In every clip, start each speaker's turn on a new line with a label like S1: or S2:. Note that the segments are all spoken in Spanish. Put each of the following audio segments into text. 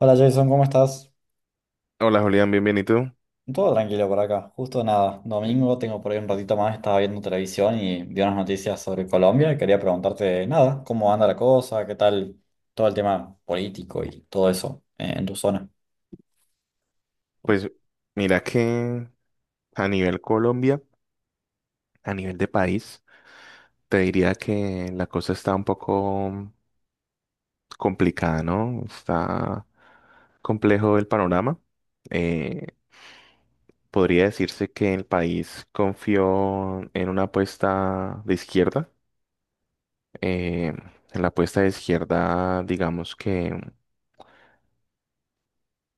S1: Hola Jason, ¿cómo estás?
S2: Hola Julián, bienvenido.
S1: Todo tranquilo por acá. Justo nada, domingo tengo por ahí un ratito más, estaba viendo televisión y vi unas noticias sobre Colombia y quería preguntarte nada, cómo anda la cosa, qué tal todo el tema político y todo eso en tu zona.
S2: Pues mira que a nivel Colombia, a nivel de país, te diría que la cosa está un poco complicada, ¿no? Está complejo el panorama. Eh, Podría decirse que el país confió en una apuesta de izquierda. Eh, en la apuesta de izquierda, digamos que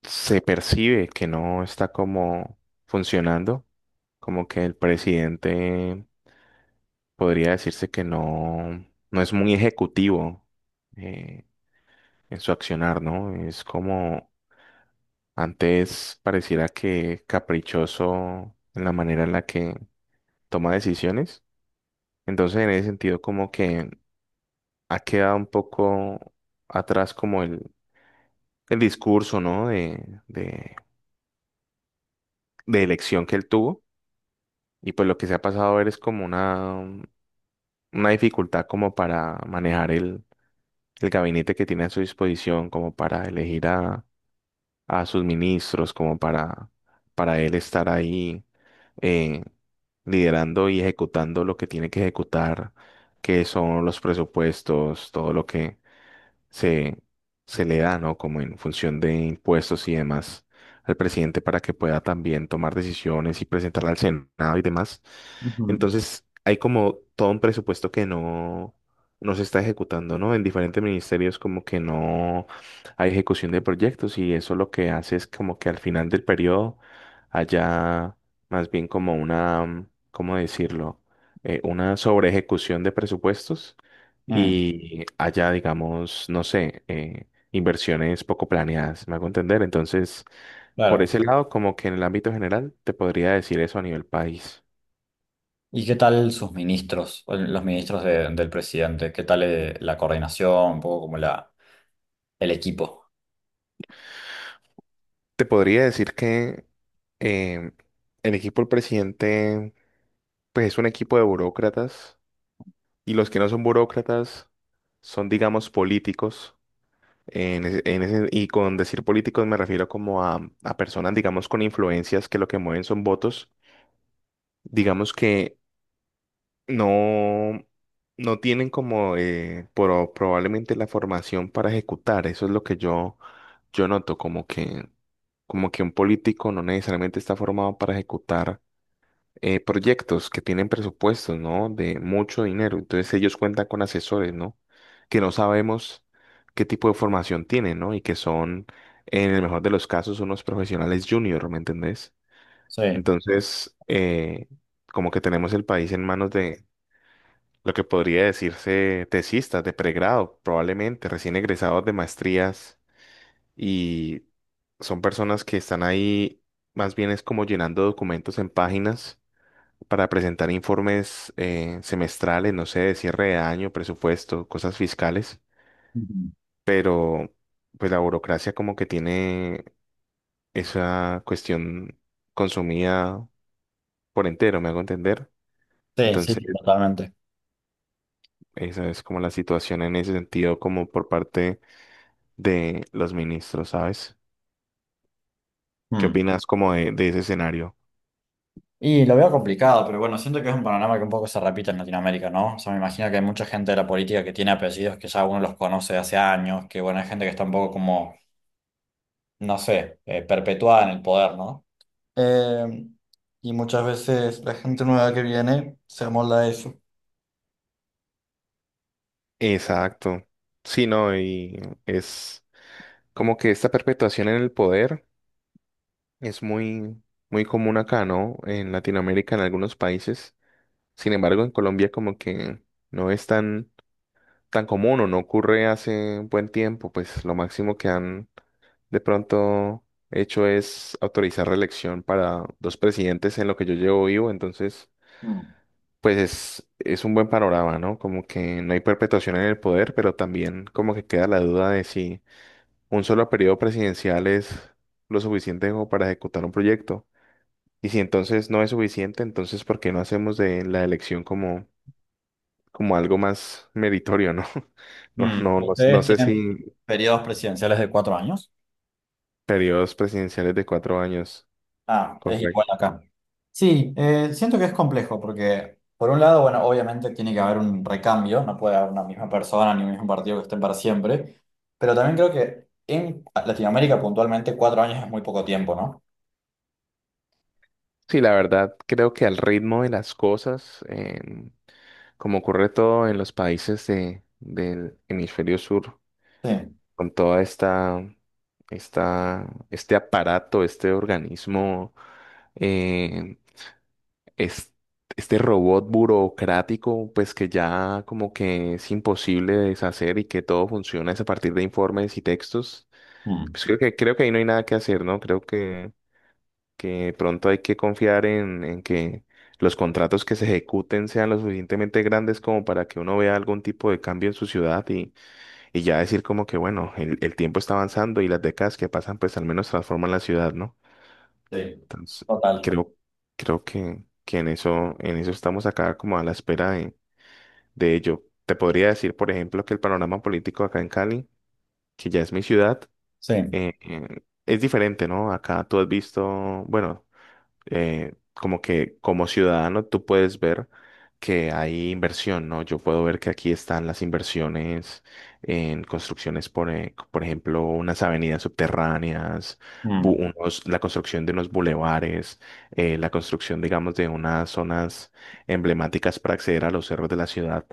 S2: se percibe que no está como funcionando, como que el presidente podría decirse que no es muy ejecutivo eh, en su accionar, ¿no? Es como antes pareciera que caprichoso en la manera en la que toma decisiones. Entonces, en ese sentido, como que ha quedado un poco atrás como el discurso, ¿no? De elección que él tuvo. Y pues lo que se ha pasado a ver es como una dificultad como para manejar el gabinete que tiene a su disposición como para elegir a sus ministros como para él estar ahí eh, liderando y ejecutando lo que tiene que ejecutar, que son los presupuestos, todo lo que, se, se le da, ¿no? Como en función de impuestos y demás al presidente para que pueda también tomar decisiones y presentarla al Senado y demás.
S1: Ujú.
S2: Entonces, hay como todo un presupuesto que no se está ejecutando, ¿no? En diferentes ministerios como que no hay ejecución de proyectos y eso lo que hace es como que al final del periodo haya más bien como una, ¿cómo decirlo? Una sobre ejecución de presupuestos
S1: Mm,
S2: y haya, digamos, no sé, inversiones poco planeadas, me hago entender. Entonces, por
S1: claro.
S2: ese lado, como que en el ámbito general, te podría decir eso a nivel país.
S1: ¿Y qué tal sus ministros, o los ministros del presidente? ¿Qué tal la coordinación, un poco como el equipo?
S2: Te podría decir que eh, el equipo del presidente, pues es un equipo de burócratas y los que no son burócratas son, digamos, políticos. Y con decir políticos me refiero como a personas, digamos, con influencias que lo que mueven son votos. Digamos que no, no tienen como probablemente la formación para ejecutar. Eso es lo que yo noto, como que un político no necesariamente está formado para ejecutar proyectos que tienen presupuestos, ¿no? De mucho dinero. Entonces ellos cuentan con asesores, ¿no? Que no sabemos qué tipo de formación tienen, ¿no? Y que son, en el mejor de los casos, unos profesionales junior, ¿me entendés?
S1: Sí.
S2: Entonces, como que tenemos el país en manos lo que podría decirse tesistas de pregrado, probablemente recién egresados de maestrías y son personas que están ahí más bien es como llenando documentos en páginas para presentar informes semestrales, no sé, de cierre de año, presupuesto, cosas fiscales,
S1: Ujú.
S2: pero pues la burocracia como que tiene esa cuestión consumida por entero, me hago entender.
S1: Sí, sí,
S2: Entonces,
S1: sí, totalmente.
S2: esa es como la situación en ese sentido, como por parte de los ministros, ¿sabes? ¿Qué
S1: Mm.
S2: opinas como de ese escenario?
S1: Y lo veo complicado, pero bueno, siento que es un panorama que un poco se repite en Latinoamérica, ¿no? O sea, me imagino que hay mucha gente de la política que tiene apellidos que ya uno los conoce de hace años, que bueno, hay gente que está un poco como, no sé, perpetuada en el poder, ¿no? Eh, y muchas veces la gente nueva que viene se amolda a eso.
S2: Exacto. Sí, no, y es como que esta perpetuación en el poder es muy común acá, ¿no? En Latinoamérica, en algunos países. Sin embargo, en Colombia como que no es tan común o no ocurre hace un buen tiempo. Pues lo máximo que han de pronto hecho es autorizar reelección para dos presidentes en lo que yo llevo vivo. Entonces...
S1: Mm.
S2: pues es un buen panorama, ¿no? Como que no hay perpetuación en el poder, pero también como que queda la duda de si un solo periodo presidencial es lo suficiente como para ejecutar un proyecto. Y si entonces no es suficiente, entonces ¿por qué no hacemos de la elección como algo más meritorio, ¿no?
S1: Mm.
S2: No
S1: ¿Ustedes
S2: sé
S1: tienen
S2: si
S1: periodos presidenciales de 4 años?
S2: periodos presidenciales de 4 años,
S1: Ah, es igual
S2: correcto.
S1: acá. Sí, siento que es complejo porque, por un lado, bueno, obviamente tiene que haber un recambio, no puede haber una misma persona ni un mismo partido que estén para siempre, pero también creo que en Latinoamérica puntualmente 4 años es muy poco tiempo, ¿no?
S2: Sí, la verdad, creo que al ritmo de las cosas, como ocurre todo en los países del hemisferio sur,
S1: Sí.
S2: con toda este aparato, este organismo, eh, es- este robot burocrático, pues que ya como que es imposible deshacer y que todo funciona es a partir de informes y textos. Pues
S1: Mm.
S2: creo que ahí no hay nada que hacer, ¿no? Que pronto hay que confiar en que los contratos que se ejecuten sean lo suficientemente grandes como para que uno vea algún tipo de cambio en su ciudad y ya decir como que, bueno, el tiempo está avanzando y las décadas que pasan, pues al menos transforman la ciudad, ¿no?
S1: Sí.
S2: Entonces,
S1: Total.
S2: creo, creo que, en eso estamos acá como a la espera de ello. Te podría decir, por ejemplo, que el panorama político acá en Cali, que ya es mi ciudad,
S1: Sí.
S2: eh, eh, es diferente, ¿no? Acá tú has visto, bueno, como que como ciudadano tú puedes ver que hay inversión, ¿no? Yo puedo ver que aquí están las inversiones en construcciones, por ejemplo, unas avenidas subterráneas,
S1: Mm.
S2: la construcción de unos bulevares, la construcción, digamos, de unas zonas emblemáticas para acceder a los cerros de la ciudad.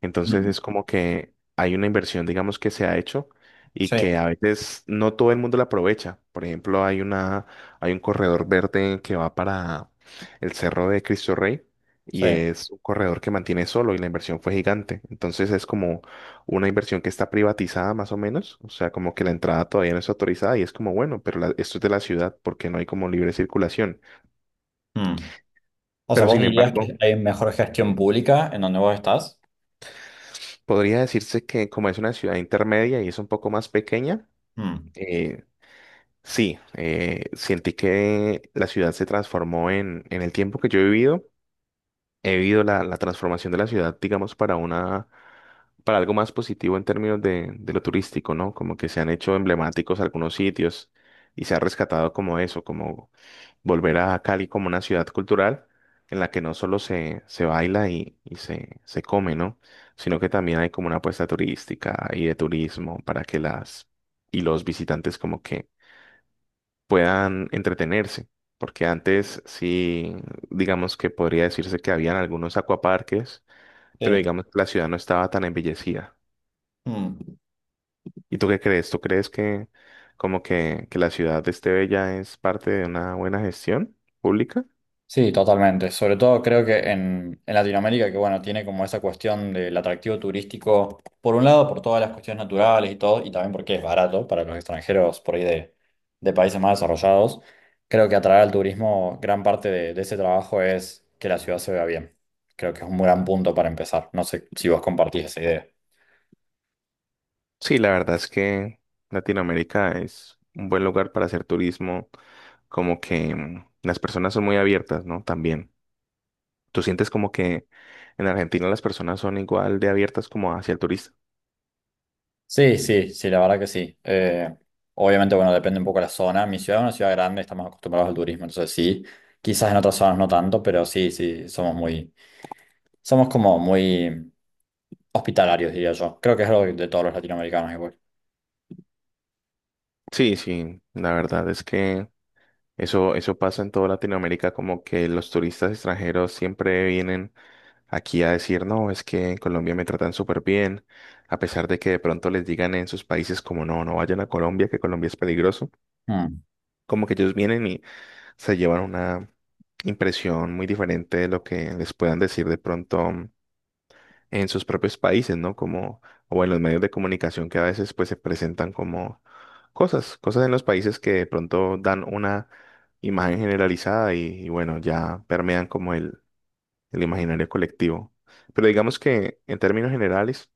S2: Entonces
S1: Mm.
S2: es como que hay una inversión, digamos, que se ha hecho y
S1: Sí.
S2: que a veces no todo el mundo la aprovecha. Por ejemplo, hay un corredor verde que va para el Cerro de Cristo Rey
S1: Sí.
S2: y es un corredor que mantiene solo y la inversión fue gigante. Entonces es como una inversión que está privatizada más o menos, o sea, como que la entrada todavía no es autorizada y es como, bueno, pero esto es de la ciudad porque no hay como libre circulación.
S1: Mm. O sea,
S2: Pero
S1: vos
S2: sin
S1: dirías
S2: embargo,
S1: que hay mejor gestión pública en donde vos estás.
S2: podría decirse que como es una ciudad intermedia y es un poco más pequeña,
S1: Mm.
S2: eh, Sí, sentí que la ciudad se transformó en el tiempo que yo he vivido. He vivido la transformación de la ciudad, digamos, para para algo más positivo en términos de lo turístico, ¿no? Como que se han hecho emblemáticos algunos sitios y se ha rescatado como eso, como volver a Cali como una ciudad cultural en la que no solo se baila y se come, ¿no? Sino que también hay como una apuesta turística y de turismo para que las y los visitantes como que puedan entretenerse. Porque antes sí, digamos que podría decirse que habían algunos acuaparques, pero
S1: Sí.
S2: digamos que la ciudad no estaba tan embellecida.
S1: Mm.
S2: ¿Y tú qué crees? ¿Tú crees que que la ciudad esté bella es parte de una buena gestión pública?
S1: Sí, totalmente. Sobre todo creo que en Latinoamérica, que bueno, tiene como esa cuestión del atractivo turístico, por un lado, por todas las cuestiones naturales y todo, y también porque es barato para los extranjeros por ahí de países más desarrollados. Creo que atraer al turismo, gran parte de ese trabajo es que la ciudad se vea bien. Creo que es un gran punto para empezar. No sé si vos compartís esa idea.
S2: Sí, la verdad es que Latinoamérica es un buen lugar para hacer turismo, como que las personas son muy abiertas, ¿no? También. ¿Tú sientes como que en Argentina las personas son igual de abiertas como hacia el turista?
S1: Sí, sí, sí, la verdad que sí. Obviamente, bueno, depende un poco de la zona. Mi ciudad es una ciudad grande, estamos acostumbrados al turismo, entonces sí. Quizás en otras zonas no tanto, pero sí, sí, somos muy, somos como muy hospitalarios, diría yo. Creo que es algo de todos los latinoamericanos igual.
S2: Sí, sí, la verdad es que eso pasa en toda Latinoamérica, como que los turistas extranjeros siempre vienen aquí a decir, no, es que en Colombia me tratan súper bien, a pesar de que de pronto les digan en sus países como, no, no vayan a Colombia, que Colombia es peligroso,
S1: Mm,
S2: como que ellos vienen y se llevan una impresión muy diferente de lo que les puedan decir de pronto en sus propios países, ¿no? Como, o en los medios de comunicación que a veces pues se presentan como cosas en los países que de pronto dan una imagen generalizada y bueno, ya permean como el imaginario colectivo. Pero digamos que en términos generales,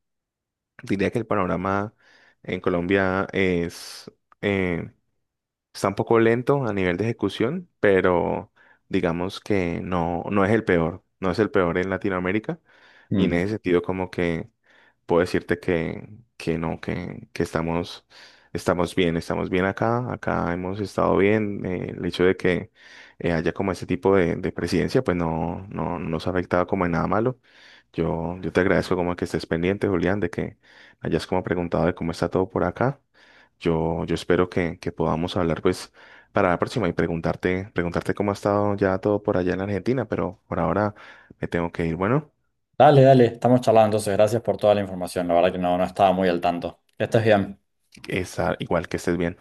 S2: diría que el panorama en Colombia es, eh, está un poco lento a nivel de ejecución, pero digamos que no es el peor, no es el peor en Latinoamérica. Y en
S1: mm.
S2: ese sentido, como que puedo decirte que no, que, estamos bien acá, acá hemos estado bien. El hecho de que haya como ese tipo de presidencia, pues no nos ha afectado como en nada malo. Yo te agradezco como que estés pendiente, Julián, de que hayas como preguntado de cómo está todo por acá. Yo espero que podamos hablar pues para la próxima y preguntarte, preguntarte cómo ha estado ya todo por allá en Argentina, pero por ahora me tengo que ir. Bueno,
S1: Dale, dale, estamos charlando, entonces gracias por toda la información. La verdad que no, no estaba muy al tanto. Que estés bien.
S2: que está igual que estés bien.